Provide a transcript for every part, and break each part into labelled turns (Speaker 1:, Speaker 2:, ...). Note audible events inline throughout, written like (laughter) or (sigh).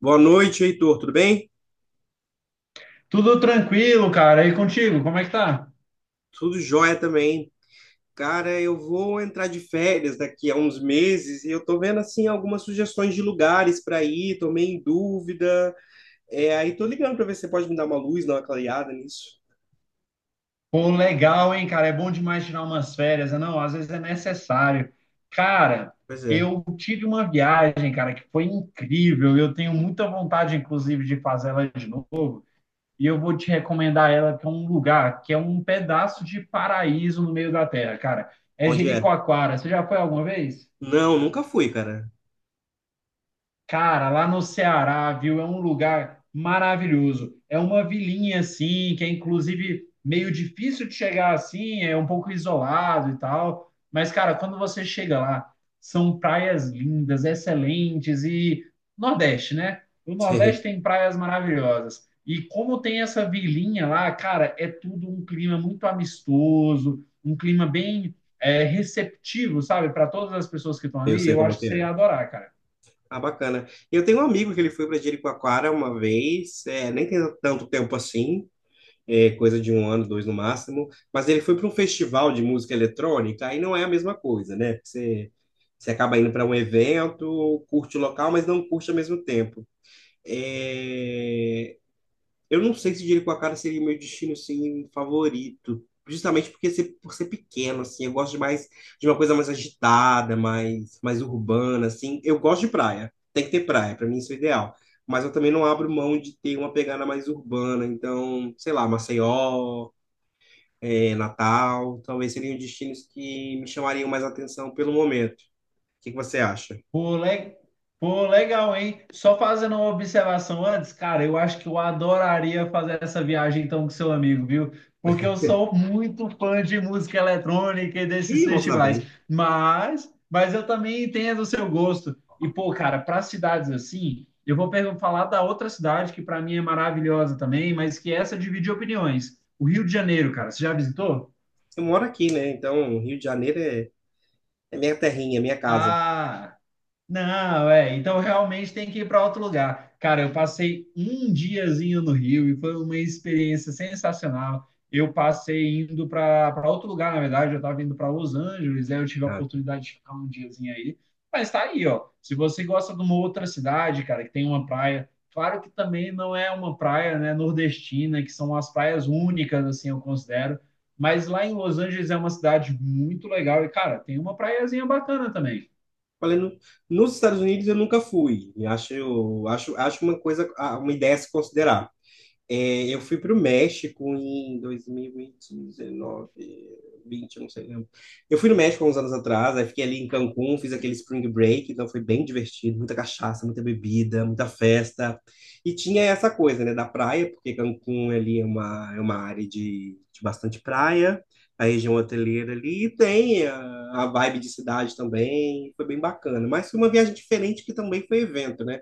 Speaker 1: Boa noite, Heitor. Tudo bem?
Speaker 2: Tudo tranquilo, cara. E contigo, como é que tá?
Speaker 1: Tudo jóia também. Cara, eu vou entrar de férias daqui a uns meses e eu tô vendo assim algumas sugestões de lugares para ir, tô meio em dúvida. É, aí tô ligando para ver se você pode me dar uma luz, dar uma clareada nisso.
Speaker 2: Pô, legal, hein, cara? É bom demais tirar umas férias, né? Não, às vezes é necessário. Cara,
Speaker 1: Pois é.
Speaker 2: eu tive uma viagem, cara, que foi incrível. Eu tenho muita vontade, inclusive, de fazer ela de novo. E eu vou te recomendar ela, que é um lugar, que é um pedaço de paraíso no meio da terra, cara. É
Speaker 1: Onde é?
Speaker 2: Jericoacoara. Você já foi alguma vez?
Speaker 1: Não, nunca fui, cara.
Speaker 2: Cara, lá no Ceará, viu? É um lugar maravilhoso. É uma vilinha assim, que é inclusive meio difícil de chegar assim, é um pouco isolado e tal. Mas, cara, quando você chega lá, são praias lindas, excelentes e Nordeste, né? O
Speaker 1: (laughs)
Speaker 2: Nordeste
Speaker 1: Sei,
Speaker 2: tem praias maravilhosas. E como tem essa vilinha lá, cara, é tudo um clima muito amistoso, um clima bem receptivo, sabe? Para todas as pessoas que estão
Speaker 1: eu
Speaker 2: ali,
Speaker 1: sei
Speaker 2: eu
Speaker 1: como é
Speaker 2: acho que
Speaker 1: que
Speaker 2: você ia
Speaker 1: é.
Speaker 2: adorar, cara.
Speaker 1: Ah, bacana. Eu tenho um amigo que ele foi para Jericoacoara uma vez, nem tem tanto tempo assim. É, coisa de um ano, dois no máximo, mas ele foi para um festival de música eletrônica, aí não é a mesma coisa, né? Você acaba indo para um evento, curte o local, mas não curte ao mesmo tempo. É, eu não sei se Dinheiro com a Cara seria meu destino, assim, favorito. Justamente porque por ser pequeno, assim, eu gosto de mais de uma coisa mais agitada, mais urbana, assim. Eu gosto de praia. Tem que ter praia, pra mim isso é o ideal. Mas eu também não abro mão de ter uma pegada mais urbana. Então, sei lá, Maceió, Natal, talvez seriam destinos que me chamariam mais atenção pelo momento. O que que você acha?
Speaker 2: Pô, le- Pô, legal, hein? Só fazendo uma observação antes, cara, eu acho que eu adoraria fazer essa viagem então com seu amigo, viu? Porque eu sou muito fã de música eletrônica e
Speaker 1: Ih,
Speaker 2: desses
Speaker 1: eu posso dar
Speaker 2: festivais.
Speaker 1: bem.
Speaker 2: Mas eu também entendo o seu gosto. E, pô, cara, para cidades assim, falar da outra cidade que para mim é maravilhosa também, mas que essa divide opiniões. O Rio de Janeiro, cara, você já visitou?
Speaker 1: Eu moro aqui, né? Então, Rio de Janeiro é minha terrinha, minha casa.
Speaker 2: Ah. Não, é. Então realmente tem que ir para outro lugar. Cara, eu passei um diazinho no Rio e foi uma experiência sensacional. Eu passei indo para outro lugar, na verdade, eu estava indo para Los Angeles, aí eu tive a
Speaker 1: Ah.
Speaker 2: oportunidade de ficar um diazinho aí. Mas tá aí, ó. Se você gosta de uma outra cidade, cara, que tem uma praia, claro que também não é uma praia, né, nordestina, que são as praias únicas, assim, eu considero. Mas lá em Los Angeles é uma cidade muito legal e, cara, tem uma praiazinha bacana também.
Speaker 1: Falei, nos Estados Unidos eu nunca fui. E acho uma coisa, uma ideia a se considerar. É, eu fui para o México em 2019, 20, eu não sei, lembro. Eu fui no México há uns anos atrás, aí fiquei ali em Cancún, fiz aquele spring break, então foi bem divertido, muita cachaça, muita bebida, muita festa. E tinha essa coisa, né, da praia, porque Cancún ali é uma área de bastante praia, a região hoteleira ali, e tem a vibe de cidade também, foi bem bacana. Mas foi uma viagem diferente que também foi evento, né?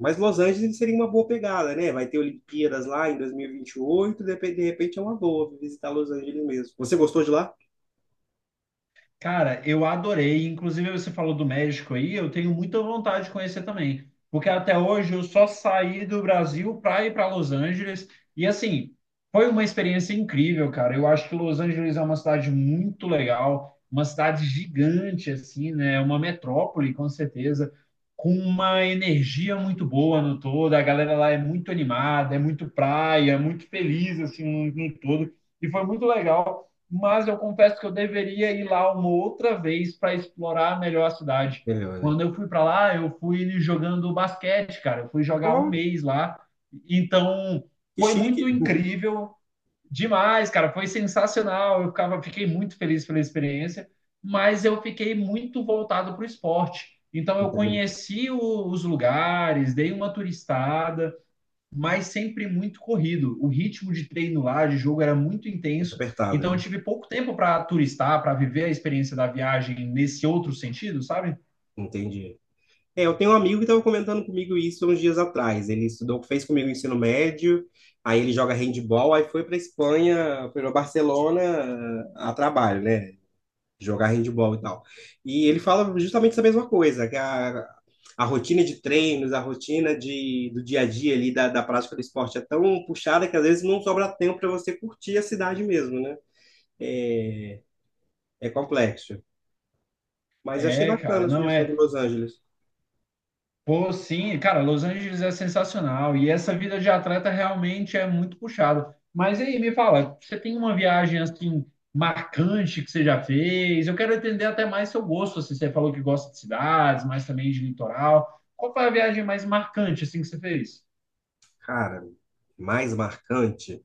Speaker 1: Mas Los Angeles seria uma boa pegada, né? Vai ter Olimpíadas lá em 2028, de repente é uma boa visitar Los Angeles mesmo. Você gostou de lá?
Speaker 2: Cara, eu adorei. Inclusive, você falou do México aí, eu tenho muita vontade de conhecer também. Porque até hoje eu só saí do Brasil para ir para Los Angeles. E assim, foi uma experiência incrível, cara. Eu acho que Los Angeles é uma cidade muito legal, uma cidade gigante, assim, né? É uma metrópole, com certeza, com uma energia muito boa no todo. A galera lá é muito animada, é muito praia, é muito feliz, assim, no todo. E foi muito legal, mas eu confesso que eu deveria ir lá uma outra vez para explorar melhor a cidade.
Speaker 1: Melhor, né?
Speaker 2: Quando eu fui para lá, eu fui jogando basquete, cara. Eu fui jogar um
Speaker 1: Oh,
Speaker 2: mês lá. Então,
Speaker 1: que
Speaker 2: foi muito
Speaker 1: chique.
Speaker 2: incrível, demais, cara. Foi sensacional. Fiquei muito feliz pela experiência, mas eu fiquei muito voltado para o esporte. Então,
Speaker 1: (laughs)
Speaker 2: eu
Speaker 1: Entendi.
Speaker 2: conheci os lugares, dei uma turistada, mas sempre muito corrido. O ritmo de treino lá, de jogo, era muito
Speaker 1: Muito
Speaker 2: intenso.
Speaker 1: apertado,
Speaker 2: Então eu
Speaker 1: né?
Speaker 2: tive pouco tempo para turistar, para viver a experiência da viagem nesse outro sentido, sabe?
Speaker 1: Entendi. É, eu tenho um amigo que estava comentando comigo isso uns dias atrás. Ele estudou, fez comigo o ensino médio, aí ele joga handball, aí foi para Espanha, foi para Barcelona a trabalho, né? Jogar handball e tal. E ele fala justamente essa mesma coisa, que a rotina de treinos, a rotina de, do dia a dia ali, da prática do esporte é tão puxada que às vezes não sobra tempo para você curtir a cidade mesmo, né? É, é complexo. Mas eu achei
Speaker 2: É, cara,
Speaker 1: bacana a
Speaker 2: não
Speaker 1: sugestão de
Speaker 2: é.
Speaker 1: Los Angeles.
Speaker 2: Pô, sim, cara, Los Angeles é sensacional e essa vida de atleta realmente é muito puxado. Mas aí me fala, você tem uma viagem assim marcante que você já fez? Eu quero entender até mais seu gosto, assim, você falou que gosta de cidades, mas também de litoral. Qual foi a viagem mais marcante assim que você fez?
Speaker 1: Cara, mais marcante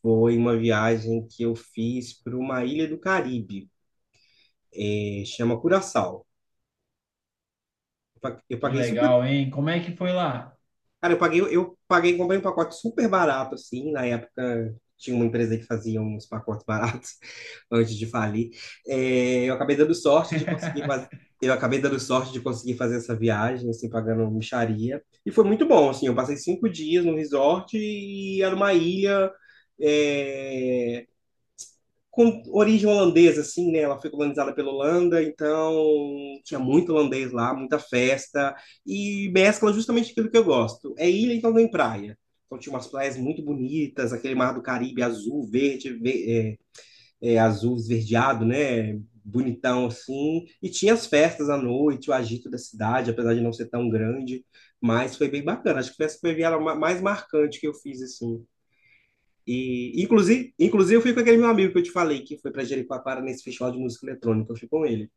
Speaker 1: foi uma viagem que eu fiz para uma ilha do Caribe, chama Curaçao. Eu pa- eu
Speaker 2: Que
Speaker 1: paguei super
Speaker 2: legal, hein? Como é que foi lá?
Speaker 1: Cara, eu paguei, comprei um pacote super barato, assim, na época tinha uma empresa que fazia uns pacotes baratos (laughs) antes de falir. É,
Speaker 2: (laughs)
Speaker 1: eu acabei dando sorte de conseguir fazer essa viagem, assim, pagando mixaria. E foi muito bom, assim, eu passei 5 dias no resort e era uma ilha, é, com origem holandesa, assim, né? Ela foi colonizada pela Holanda, então tinha muito holandês lá, muita festa, e mescla justamente aquilo que eu gosto. É ilha, então tem praia. Então tinha umas praias muito bonitas, aquele mar do Caribe azul, verde, azul esverdeado, né? Bonitão assim. E tinha as festas à noite, o agito da cidade, apesar de não ser tão grande, mas foi bem bacana. Acho que foi essa foi a viagem mais marcante que eu fiz, assim. E, inclusive, eu fui com aquele meu amigo que eu te falei, que foi para Jericoacoara nesse festival de música eletrônica. Eu fui com ele.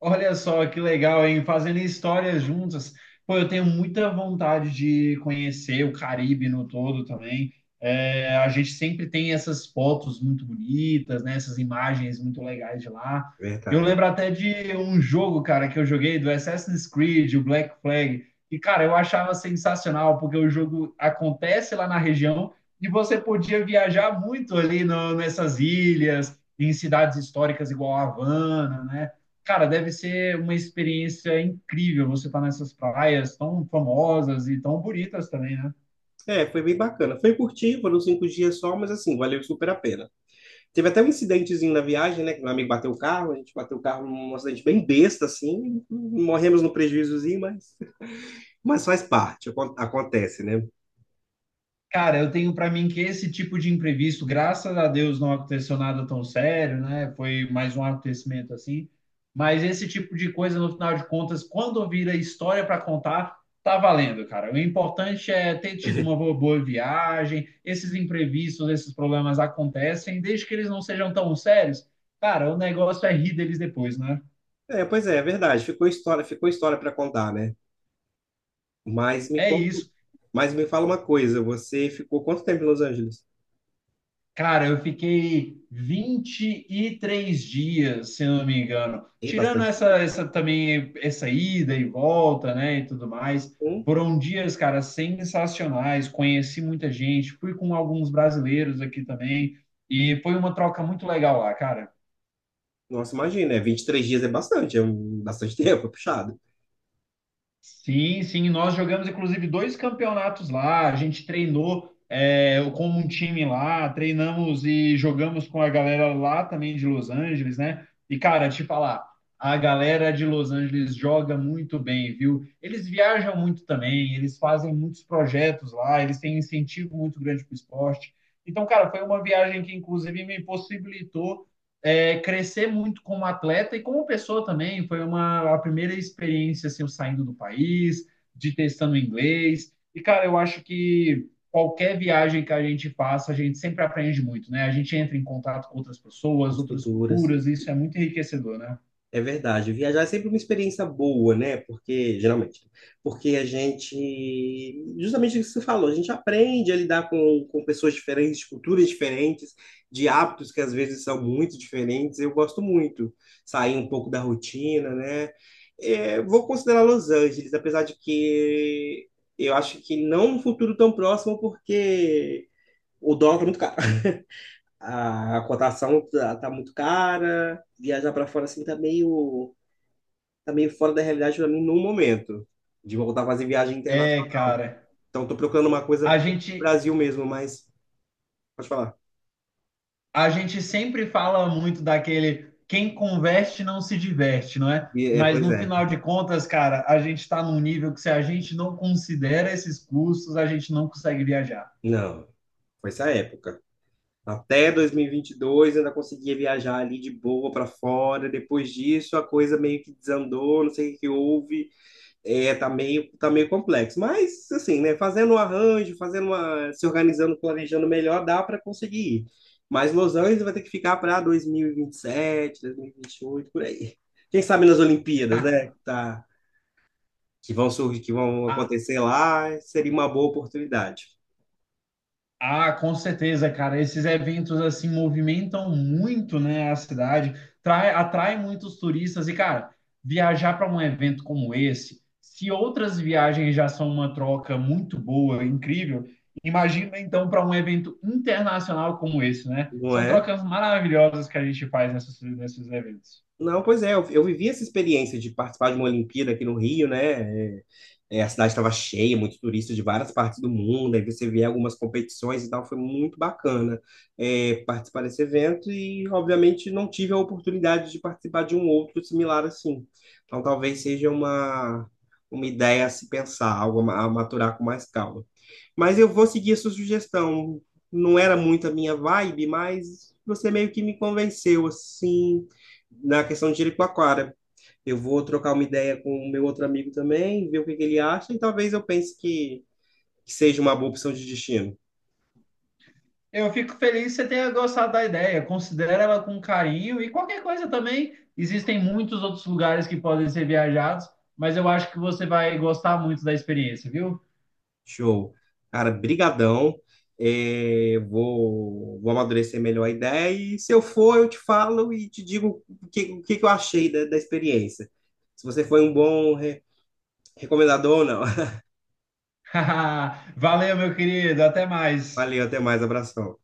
Speaker 2: Olha só que legal, hein? Fazendo histórias juntas. Pô, eu tenho muita vontade de conhecer o Caribe no todo também. É, a gente sempre tem essas fotos muito bonitas, né? Essas imagens muito legais de lá. Eu
Speaker 1: Verdade.
Speaker 2: lembro até de um jogo, cara, que eu joguei do Assassin's Creed, o Black Flag. E, cara, eu achava sensacional, porque o jogo acontece lá na região e você podia viajar muito ali nessas ilhas, em cidades históricas igual a Havana, né? Cara, deve ser uma experiência incrível você estar nessas praias tão famosas e tão bonitas também, né?
Speaker 1: É, foi bem bacana. Foi curtinho, foram 5 dias só, mas assim, valeu super a pena. Teve até um incidentezinho na viagem, né? Que meu amigo bateu o carro, a gente bateu o carro num acidente bem besta, assim. Morremos no prejuízozinho, mas faz parte, acontece, né?
Speaker 2: Cara, eu tenho para mim que esse tipo de imprevisto, graças a Deus, não aconteceu nada tão sério, né? Foi mais um acontecimento assim. Mas esse tipo de coisa, no final de contas, quando vira história para contar, tá valendo, cara. O importante é ter tido uma
Speaker 1: (laughs)
Speaker 2: boa viagem. Esses imprevistos, esses problemas acontecem, desde que eles não sejam tão sérios. Cara, o negócio é rir deles depois, né?
Speaker 1: É, pois é, é verdade. Ficou história para contar, né? Mas me
Speaker 2: É
Speaker 1: conta,
Speaker 2: isso.
Speaker 1: mas me fala uma coisa, você ficou quanto tempo em Los Angeles?
Speaker 2: Cara, eu fiquei 23 dias, se eu não me engano.
Speaker 1: Ei,
Speaker 2: Tirando essa,
Speaker 1: bastante
Speaker 2: essa ida e volta, né, e tudo mais.
Speaker 1: tempo.
Speaker 2: Foram dias, cara, sensacionais. Conheci muita gente, fui com alguns brasileiros aqui também. E foi uma troca muito legal lá, cara.
Speaker 1: Nossa, imagina, é 23 dias é bastante, bastante (laughs) tempo, é puxado.
Speaker 2: Sim, sim, nós jogamos inclusive dois campeonatos lá. A gente treinou com um time lá, treinamos e jogamos com a galera lá também de Los Angeles, né? E cara, te falar, a galera de Los Angeles joga muito bem, viu? Eles viajam muito também, eles fazem muitos projetos lá, eles têm incentivo muito grande para o esporte. Então, cara, foi uma viagem que inclusive me possibilitou crescer muito como atleta e como pessoa também. Foi uma a primeira experiência assim, eu saindo do país, de testando inglês. E, cara, eu acho que qualquer viagem que a gente faça, a gente sempre aprende muito, né? A gente entra em contato com outras pessoas,
Speaker 1: As
Speaker 2: outras
Speaker 1: culturas.
Speaker 2: culturas, e isso é muito enriquecedor, né?
Speaker 1: É verdade, viajar é sempre uma experiência boa, né? Porque, geralmente, porque a gente, justamente o que você falou, a gente aprende a lidar com pessoas diferentes, de culturas diferentes, de hábitos que às vezes são muito diferentes. Eu gosto muito sair um pouco da rotina, né? É, vou considerar Los Angeles, apesar de que eu acho que não um futuro tão próximo, porque o dólar tá muito caro. (laughs) A cotação tá muito cara, viajar para fora assim tá meio, fora da realidade para mim no momento, de voltar a fazer viagem
Speaker 2: É,
Speaker 1: internacional.
Speaker 2: cara.
Speaker 1: Então tô procurando uma coisa
Speaker 2: A
Speaker 1: no
Speaker 2: gente
Speaker 1: Brasil mesmo, mas pode falar.
Speaker 2: A gente sempre fala muito daquele quem converte não se diverte, não é?
Speaker 1: E, é,
Speaker 2: Mas
Speaker 1: pois
Speaker 2: no final
Speaker 1: é.
Speaker 2: de contas, cara, a gente está num nível que se a gente não considera esses custos, a gente não consegue viajar.
Speaker 1: Não, foi essa época. Até 2022 ainda conseguia viajar ali de boa para fora. Depois disso a coisa meio que desandou, não sei o que que houve. É, tá meio complexo, mas assim, né, fazendo um arranjo, se organizando, planejando melhor, dá para conseguir ir. Mas Los Angeles vai ter que ficar para dois mil e vinte e sete, dois mil e vinte sete e oito por aí. Quem sabe nas Olimpíadas, né,
Speaker 2: (laughs)
Speaker 1: que vão surgir, que vão acontecer lá, seria uma boa oportunidade,
Speaker 2: Ah, com certeza, cara. Esses eventos assim movimentam muito, né, a cidade, atrai muitos turistas e, cara, viajar para um evento como esse, se outras viagens já são uma troca muito boa, incrível, imagina então para um evento internacional como esse, né?
Speaker 1: não
Speaker 2: São
Speaker 1: é?
Speaker 2: trocas maravilhosas que a gente faz nesses eventos.
Speaker 1: Não, pois é, eu vivi essa experiência de participar de uma Olimpíada aqui no Rio, né? A cidade estava cheia, muito turista de várias partes do mundo, aí você vê algumas competições e tal, foi muito bacana participar desse evento e, obviamente, não tive a oportunidade de participar de um outro similar assim. Então, talvez seja uma ideia a se pensar, algo a maturar com mais calma. Mas eu vou seguir a sua sugestão. Não era muito a minha vibe, mas você meio que me convenceu, assim, na questão de Jericoacoara. Eu vou trocar uma ideia com o meu outro amigo também, ver o que que ele acha, e talvez eu pense que seja uma boa opção de destino.
Speaker 2: Eu fico feliz que você tenha gostado da ideia. Considera ela com carinho e qualquer coisa também. Existem muitos outros lugares que podem ser viajados, mas eu acho que você vai gostar muito da experiência, viu?
Speaker 1: Show. Cara, brigadão. É, vou amadurecer melhor a ideia e se eu for, eu te falo e te digo o que, que eu achei da experiência. Se você foi um bom recomendador ou não. (laughs)
Speaker 2: (laughs) Valeu, meu querido. Até mais.
Speaker 1: Valeu, até mais, abração.